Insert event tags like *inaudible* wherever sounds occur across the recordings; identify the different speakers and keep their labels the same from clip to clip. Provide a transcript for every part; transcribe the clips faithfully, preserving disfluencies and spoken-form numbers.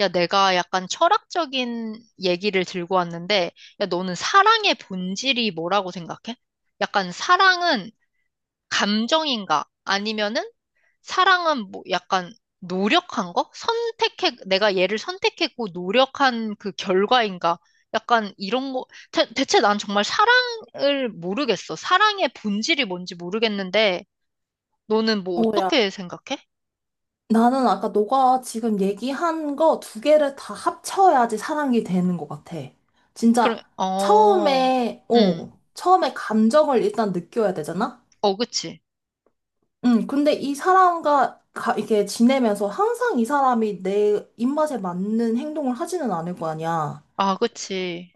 Speaker 1: 야, 내가 약간 철학적인 얘기를 들고 왔는데, 야, 너는 사랑의 본질이 뭐라고 생각해? 약간 사랑은 감정인가? 아니면은 사랑은 뭐 약간 노력한 거? 선택해, 내가 얘를 선택했고 노력한 그 결과인가? 약간 이런 거, 대, 대체 난 정말 사랑을 모르겠어. 사랑의 본질이 뭔지 모르겠는데, 너는 뭐
Speaker 2: 어, 야,
Speaker 1: 어떻게 생각해?
Speaker 2: 나는 아까 너가 지금 얘기한 거 두 개를 다 합쳐야지 사람이 되는 것 같아.
Speaker 1: 그럼,
Speaker 2: 진짜
Speaker 1: 어,
Speaker 2: 처음에,
Speaker 1: 응,
Speaker 2: 어, 처음에 감정을 일단 느껴야 되잖아?
Speaker 1: 어, 그치.
Speaker 2: 응, 근데 이 사람과 가, 이렇게 지내면서 항상 이 사람이 내 입맛에 맞는 행동을 하지는 않을 거 아니야.
Speaker 1: 아, 그치.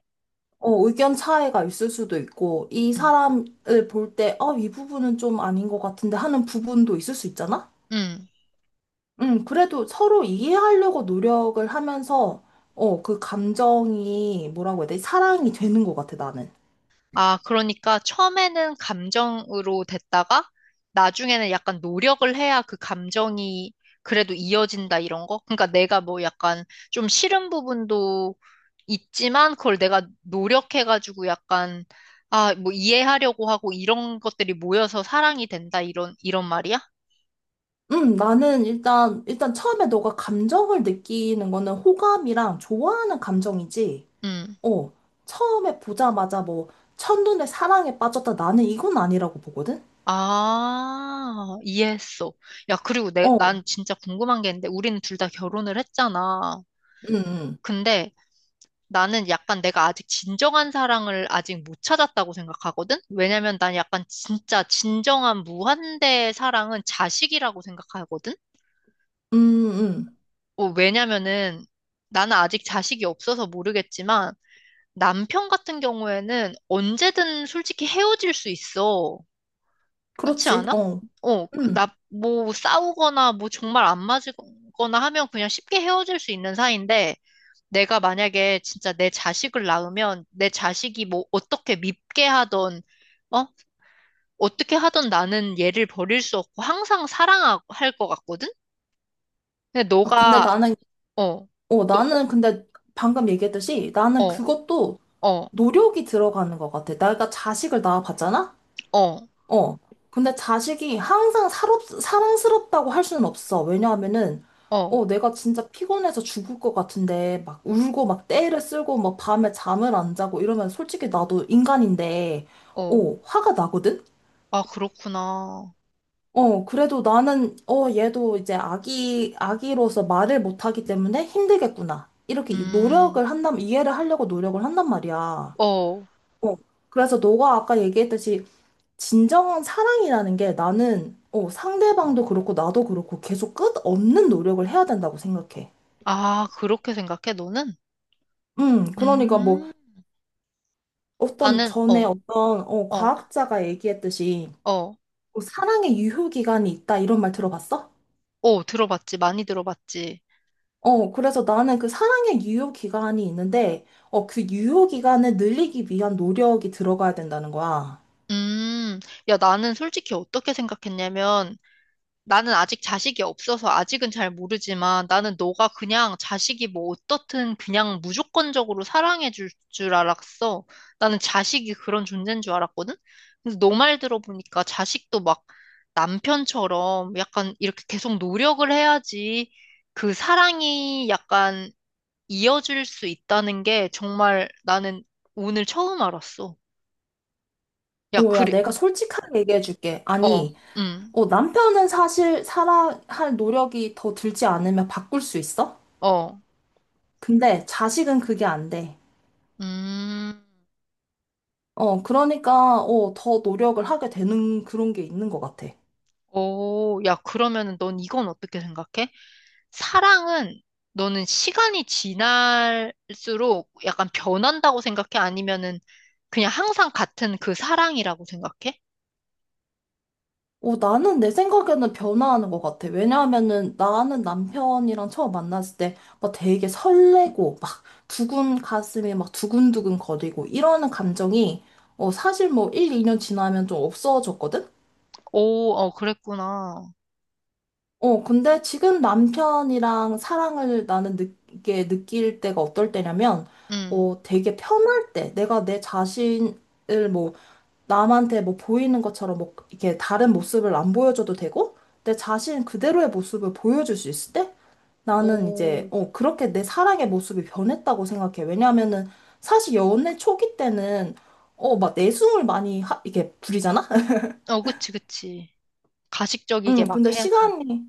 Speaker 2: 어, 의견 차이가 있을 수도 있고, 이
Speaker 1: 응.
Speaker 2: 사람을 볼 때, 어, 이 부분은 좀 아닌 것 같은데 하는 부분도 있을 수 있잖아?
Speaker 1: 음.
Speaker 2: 음, 그래도 서로 이해하려고 노력을 하면서, 어, 그 감정이, 뭐라고 해야 되지? 사랑이 되는 것 같아, 나는.
Speaker 1: 아, 그러니까 처음에는 감정으로 됐다가 나중에는 약간 노력을 해야 그 감정이 그래도 이어진다 이런 거? 그러니까 내가 뭐 약간 좀 싫은 부분도 있지만 그걸 내가 노력해가지고 약간 아, 뭐 이해하려고 하고 이런 것들이 모여서 사랑이 된다 이런 이런 말이야?
Speaker 2: 음, 나는 일단, 일단 처음에 너가 감정을 느끼는 거는 호감이랑 좋아하는 감정이지,
Speaker 1: 음.
Speaker 2: 어, 처음에 보자마자 뭐, 첫눈에 사랑에 빠졌다, 나는 이건 아니라고 보거든?
Speaker 1: 아, 이해했어. 야, 그리고 내,
Speaker 2: 어, 음,
Speaker 1: 난 진짜 궁금한 게 있는데 우리는 둘 다 결혼을 했잖아.
Speaker 2: 음,
Speaker 1: 근데 나는 약간 내가 아직 진정한 사랑을 아직 못 찾았다고 생각하거든? 왜냐면 난 약간 진짜 진정한 무한대의 사랑은 자식이라고 생각하거든?
Speaker 2: 음, 음.
Speaker 1: 어, 왜냐면은 나는 아직 자식이 없어서 모르겠지만 남편 같은 경우에는 언제든 솔직히 헤어질 수 있어. 그렇지
Speaker 2: 그렇지,
Speaker 1: 않아?
Speaker 2: 어.
Speaker 1: 어,
Speaker 2: 음.
Speaker 1: 나 뭐 싸우거나 뭐 정말 안 맞거나 하면 그냥 쉽게 헤어질 수 있는 사이인데 내가 만약에 진짜 내 자식을 낳으면 내 자식이 뭐 어떻게 밉게 하던, 어? 어떻게 하던 나는 얘를 버릴 수 없고 항상 사랑할 것 같거든? 근데
Speaker 2: 아, 근데
Speaker 1: 너가,
Speaker 2: 나는,
Speaker 1: 어,
Speaker 2: 어,
Speaker 1: 너,
Speaker 2: 나는 근데 방금 얘기했듯이 나는
Speaker 1: 어,
Speaker 2: 그것도
Speaker 1: 어,
Speaker 2: 노력이 들어가는 것 같아. 내가 자식을 낳아봤잖아?
Speaker 1: 어,
Speaker 2: 어. 근데 자식이 항상 사롭, 사랑스럽다고 할 수는 없어. 왜냐하면은,
Speaker 1: 어,
Speaker 2: 어, 내가 진짜 피곤해서 죽을 것 같은데, 막 울고, 막 떼를 쓸고, 막 밤에 잠을 안 자고 이러면 솔직히 나도 인간인데,
Speaker 1: 어.
Speaker 2: 어, 화가 나거든?
Speaker 1: 아, 그렇구나.
Speaker 2: 어, 그래도 나는, 어, 얘도 이제 아기, 아기로서 말을 못하기 때문에 힘들겠구나. 이렇게
Speaker 1: 음,
Speaker 2: 노력을 한다면, 이해를 하려고 노력을 한단 말이야.
Speaker 1: 어.
Speaker 2: 어, 그래서 너가 아까 얘기했듯이 진정한 사랑이라는 게 나는 어, 상대방도 그렇고 나도 그렇고 계속 끝없는 노력을 해야 된다고 생각해.
Speaker 1: 아, 그렇게 생각해, 너는?
Speaker 2: 음, 그러니까 뭐
Speaker 1: 음,
Speaker 2: 어떤
Speaker 1: 나는,
Speaker 2: 전에
Speaker 1: 어,
Speaker 2: 어떤 어,
Speaker 1: 어,
Speaker 2: 과학자가 얘기했듯이
Speaker 1: 어,
Speaker 2: 뭐 사랑의 유효 기간이 있다 이런 말 들어봤어?
Speaker 1: 어, 들어봤지. 많이 들어봤지.
Speaker 2: 어, 그래서 나는 그 사랑의 유효 기간이 있는데 어, 그 유효 기간을 늘리기 위한 노력이 들어가야 된다는 거야.
Speaker 1: 음, 야, 나는 솔직히 어떻게 생각했냐면, 나는 아직 자식이 없어서 아직은 잘 모르지만 나는 너가 그냥 자식이 뭐 어떻든 그냥 무조건적으로 사랑해 줄 줄 알았어. 나는 자식이 그런 존재인 줄 알았거든? 근데 너 말 들어보니까 자식도 막 남편처럼 약간 이렇게 계속 노력을 해야지 그 사랑이 약간 이어질 수 있다는 게 정말 나는 오늘 처음 알았어. 야,
Speaker 2: 어, 야,
Speaker 1: 그래,
Speaker 2: 내가 솔직하게 얘기해 줄게.
Speaker 1: 어,
Speaker 2: 아니,
Speaker 1: 음,
Speaker 2: 어, 남편은 사실 사랑할 노력이 더 들지 않으면 바꿀 수 있어?
Speaker 1: 어,
Speaker 2: 근데 자식은 그게 안 돼.
Speaker 1: 음.
Speaker 2: 어, 그러니까, 어, 더 노력을 하게 되는 그런 게 있는 것 같아.
Speaker 1: 오, 야, 그러면은 넌 이건 어떻게 생각해? 사랑은 너는 시간이 지날수록 약간 변한다고 생각해? 아니면은 그냥 항상 같은 그 사랑이라고 생각해?
Speaker 2: 어, 나는 내 생각에는 변화하는 것 같아. 왜냐하면은 나는 남편이랑 처음 만났을 때 막 되게 설레고 막 두근 가슴이 막 두근두근 거리고 이러는 감정이 어, 사실 뭐 일, 이 년 지나면 좀 없어졌거든?
Speaker 1: 오, 어, 그랬구나.
Speaker 2: 어, 근데 지금 남편이랑 사랑을 나는 느끼게 느낄 때가 어떨 때냐면
Speaker 1: 응.
Speaker 2: 어, 되게 편할 때 내가 내 자신 을뭐 남한테 뭐 보이는 것처럼 뭐 이렇게 다른 모습을 안 보여줘도 되고 내 자신 그대로의 모습을 보여줄 수 있을 때 나는 이제
Speaker 1: 오,
Speaker 2: 어 그렇게 내 사랑의 모습이 변했다고 생각해. 왜냐하면은 사실 연애 초기 때는 어 막 내숭을 많이 하, 이게 부리잖아. *laughs*
Speaker 1: 어, 그치, 그치. 가식적이게
Speaker 2: 응.
Speaker 1: 막
Speaker 2: 근데
Speaker 1: 해야지.
Speaker 2: 시간이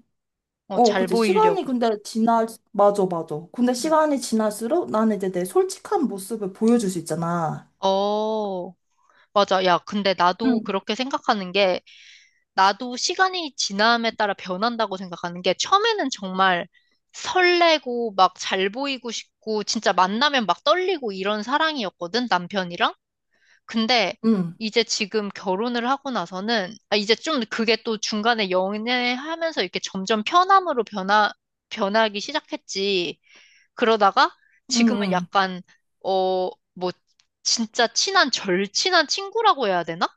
Speaker 1: 어,
Speaker 2: 어
Speaker 1: 잘
Speaker 2: 그치
Speaker 1: 보이려고.
Speaker 2: 시간이 근데 지날 맞아 맞아. 근데
Speaker 1: 응.
Speaker 2: 시간이 지날수록 나는 이제 내 솔직한 모습을 보여줄 수 있잖아.
Speaker 1: 어, 맞아. 야, 근데 나도
Speaker 2: 응.
Speaker 1: 그렇게 생각하는 게 나도 시간이 지남에 따라 변한다고 생각하는 게 처음에는 정말 설레고 막 잘 보이고 싶고 진짜 만나면 막 떨리고 이런 사랑이었거든, 남편이랑. 근데
Speaker 2: 응.
Speaker 1: 이제 지금 결혼을 하고 나서는 아, 이제 좀 그게 또 중간에 연애하면서 이렇게 점점 편함으로 변화, 변하기 시작했지. 그러다가
Speaker 2: 응.
Speaker 1: 지금은
Speaker 2: 응.
Speaker 1: 약간 어, 뭐 진짜 친한 절친한 친구라고 해야 되나?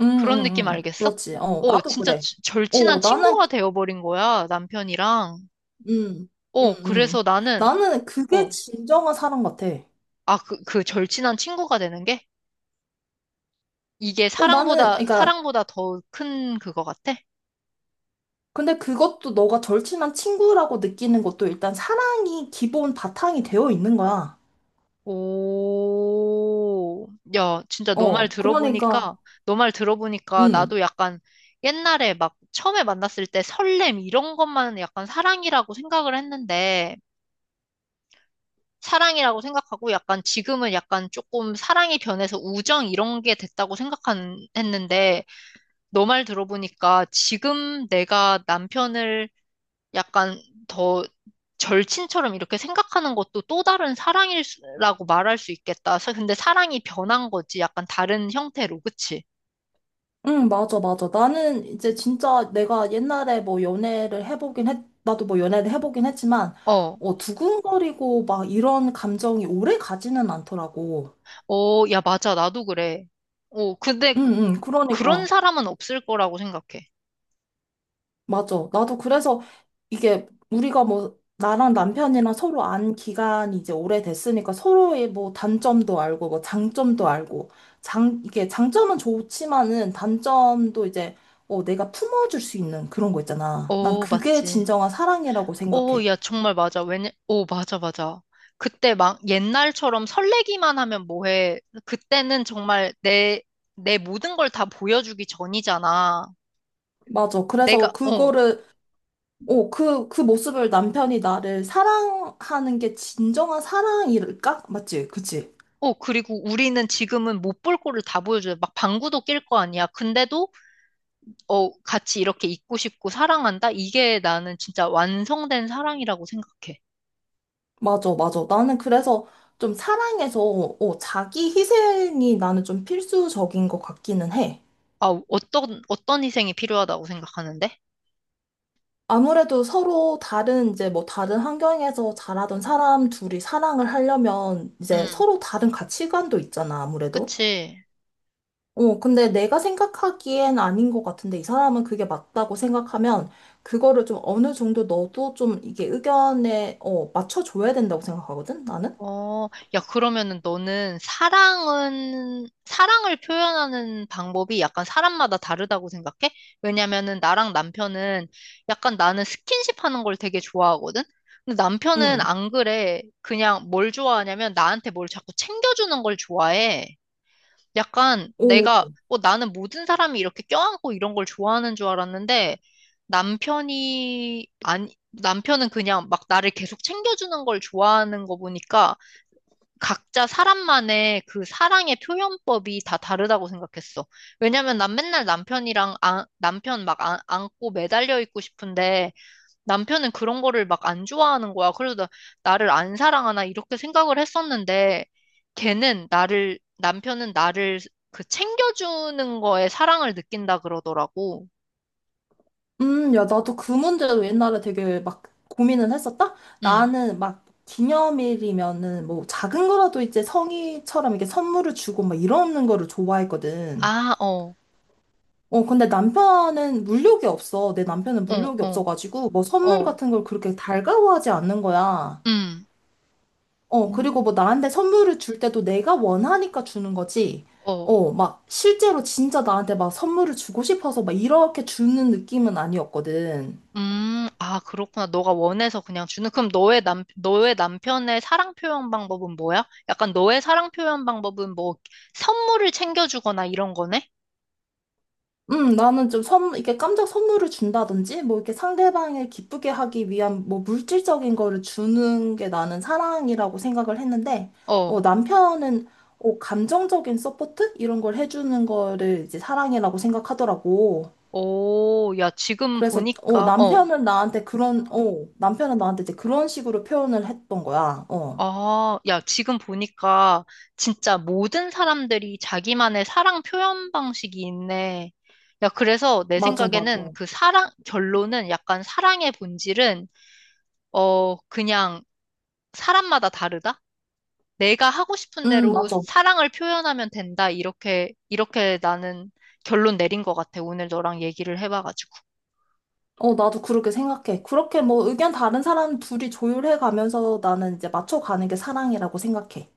Speaker 2: 응, 응,
Speaker 1: 그런 느낌
Speaker 2: 응.
Speaker 1: 알겠어?
Speaker 2: 그렇지. 어,
Speaker 1: 어,
Speaker 2: 나도
Speaker 1: 진짜
Speaker 2: 그래.
Speaker 1: 지-
Speaker 2: 어,
Speaker 1: 절친한
Speaker 2: 나는,
Speaker 1: 친구가
Speaker 2: 그-
Speaker 1: 되어버린 거야, 남편이랑.
Speaker 2: 음, 음,
Speaker 1: 어,
Speaker 2: 음.
Speaker 1: 그래서 나는,
Speaker 2: 나는 그게
Speaker 1: 어,
Speaker 2: 진정한 사랑 같아.
Speaker 1: 아, 그, 그 절친한 친구가 되는 게? 이게
Speaker 2: 어, 나는,
Speaker 1: 사랑보다,
Speaker 2: 그러니까,
Speaker 1: 사랑보다 더 큰 그거 같아?
Speaker 2: 근데 그것도 너가 절친한 친구라고 느끼는 것도 일단 사랑이 기본 바탕이 되어 있는 거야.
Speaker 1: 오, 야, 진짜 너 말
Speaker 2: 어, 그러니까,
Speaker 1: 들어보니까, 너 말 들어보니까
Speaker 2: 음,
Speaker 1: 나도 약간 옛날에 막 처음에 만났을 때 설렘 이런 것만 약간 사랑이라고 생각을 했는데, 사랑이라고 생각하고 약간 지금은 약간 조금 사랑이 변해서 우정 이런 게 됐다고 생각 했는데 너 말 들어보니까 지금 내가 남편을 약간 더 절친처럼 이렇게 생각하는 것도 또 다른 사랑이라고 말할 수 있겠다. 사- 근데 사랑이 변한 거지. 약간 다른 형태로. 그치?
Speaker 2: 음, 맞아, 맞아. 나는 이제 진짜 내가 옛날에 뭐 연애를 해보긴 했, 나도 뭐 연애를 해보긴 했지만,
Speaker 1: 어.
Speaker 2: 어, 두근거리고 막 이런 감정이 오래 가지는 않더라고.
Speaker 1: 어, 야, 맞아. 나도 그래. 어, 근데
Speaker 2: 응,
Speaker 1: 그-
Speaker 2: 응,
Speaker 1: 그런
Speaker 2: 그러니까.
Speaker 1: 사람은 없을 거라고 생각해.
Speaker 2: 맞아. 나도 그래서 이게 우리가 뭐 나랑 남편이랑 서로 안 기간이 이제 오래됐으니까 서로의 뭐 단점도 알고 뭐 장점도 알고 장 이게 장점은 좋지만은 단점도 이제 어 내가 품어줄 수 있는 그런 거 있잖아. 난
Speaker 1: 어,
Speaker 2: 그게
Speaker 1: 맞지.
Speaker 2: 진정한 사랑이라고
Speaker 1: 오,
Speaker 2: 생각해.
Speaker 1: 야, 정말 맞아. 왜냐, 오, 맞아, 맞아. 그때 막 옛날처럼 설레기만 하면 뭐해. 그때는 정말 내, 내 모든 걸 다 보여주기 전이잖아.
Speaker 2: 맞아.
Speaker 1: 내가,
Speaker 2: 그래서
Speaker 1: 어,
Speaker 2: 그거를 어 그 그 모습을 남편이 나를 사랑하는 게 진정한 사랑일까? 맞지? 그치?
Speaker 1: 어, 그리고 우리는 지금은 못 볼 거를 다 보여줘요. 막 방구도 낄 거 아니야. 근데도, 어, 같이 이렇게 있고 싶고 사랑한다? 이게 나는 진짜 완성된 사랑이라고 생각해.
Speaker 2: 맞아, 맞아. 나는 그래서 좀 사랑에서 어, 자기 희생이 나는 좀 필수적인 것 같기는 해.
Speaker 1: 아, 어떤, 어떤 희생이 필요하다고 생각하는데?
Speaker 2: 아무래도 서로 다른 이제 뭐 다른 환경에서 자라던 사람 둘이 사랑을 하려면 이제
Speaker 1: 음,
Speaker 2: 서로 다른 가치관도 있잖아, 아무래도.
Speaker 1: 그치.
Speaker 2: 어, 근데 내가 생각하기엔 아닌 것 같은데 이 사람은 그게 맞다고 생각하면 그거를 좀 어느 정도 너도 좀 이게 의견에 어, 맞춰줘야 된다고 생각하거든, 나는?
Speaker 1: 어, 야, 그러면은 너는 사랑은, 사랑을 표현하는 방법이 약간 사람마다 다르다고 생각해? 왜냐면은 나랑 남편은 약간 나는 스킨십 하는 걸 되게 좋아하거든? 근데 남편은
Speaker 2: 응.
Speaker 1: 안 그래. 그냥 뭘 좋아하냐면 나한테 뭘 자꾸 챙겨주는 걸 좋아해. 약간 내가, 어, 나는 모든 사람이 이렇게 껴안고 이런 걸 좋아하는 줄 알았는데 남편이, 아니, 남편은 그냥 막 나를 계속 챙겨주는 걸 좋아하는 거 보니까 각자 사람만의 그 사랑의 표현법이 다 다르다고 생각했어. 왜냐면 난 맨날 남편이랑 안- 남편 막 안, 안고 매달려 있고 싶은데 남편은 그런 거를 막 안 좋아하는 거야. 그래서 나, 나를 안 사랑하나 이렇게 생각을 했었는데 걔는 나를 남편은 나를 그 챙겨주는 거에 사랑을 느낀다 그러더라고.
Speaker 2: 음, 야, 나도 그 문제로 옛날에 되게 막 고민을 했었다?
Speaker 1: 응.
Speaker 2: 나는 막 기념일이면은 뭐 작은 거라도 이제 성의처럼 이렇게 선물을 주고 막 이러는 거를 좋아했거든.
Speaker 1: 아, 어,
Speaker 2: 어, 근데 남편은 물욕이 없어. 내 남편은
Speaker 1: 어,
Speaker 2: 물욕이
Speaker 1: 어,
Speaker 2: 없어가지고 뭐 선물
Speaker 1: 어,
Speaker 2: 같은 걸 그렇게 달가워하지 않는 거야.
Speaker 1: 음,
Speaker 2: 어, 그리고
Speaker 1: 음.
Speaker 2: 뭐 나한테 선물을 줄 때도 내가 원하니까 주는 거지.
Speaker 1: 어.
Speaker 2: 어, 막 실제로 진짜 나한테 막 선물을 주고 싶어서 막 이렇게 주는 느낌은 아니었거든.
Speaker 1: 음, 아, 그렇구나. 너가 원해서 그냥 주는. 그럼 너의 남, 너의 남편의 사랑 표현 방법은 뭐야? 약간 너의 사랑 표현 방법은 뭐 선물을 챙겨주거나 이런 거네?
Speaker 2: 음, 나는 좀 선, 이렇게 깜짝 선물을 준다든지, 뭐 이렇게 상대방을 기쁘게 하기 위한 뭐 물질적인 거를 주는 게 나는 사랑이라고 생각을 했는데,
Speaker 1: 어.
Speaker 2: 어, 남편은 어, 감정적인 서포트? 이런 걸 해주는 거를 이제 사랑이라고 생각하더라고.
Speaker 1: 오, 야, 지금
Speaker 2: 그래서, 어,
Speaker 1: 보니까, 어.
Speaker 2: 남편은 나한테 그런, 어, 남편은 나한테 이제 그런 식으로 표현을 했던 거야. 어,
Speaker 1: 아, 야, 지금 보니까 진짜 모든 사람들이 자기만의 사랑 표현 방식이 있네. 야, 그래서 내
Speaker 2: 맞아,
Speaker 1: 생각에는
Speaker 2: 맞아.
Speaker 1: 그 사랑, 결론은 약간 사랑의 본질은, 어, 그냥 사람마다 다르다? 내가 하고 싶은
Speaker 2: 음,
Speaker 1: 대로
Speaker 2: 맞아.
Speaker 1: 사랑을 표현하면 된다. 이렇게, 이렇게 나는 결론 내린 것 같아. 오늘 너랑 얘기를 해봐가지고.
Speaker 2: 어, 나도 그렇게 생각해. 그렇게 뭐 의견 다른 사람 둘이 조율해 가면서 나는 이제 맞춰 가는 게 사랑이라고 생각해.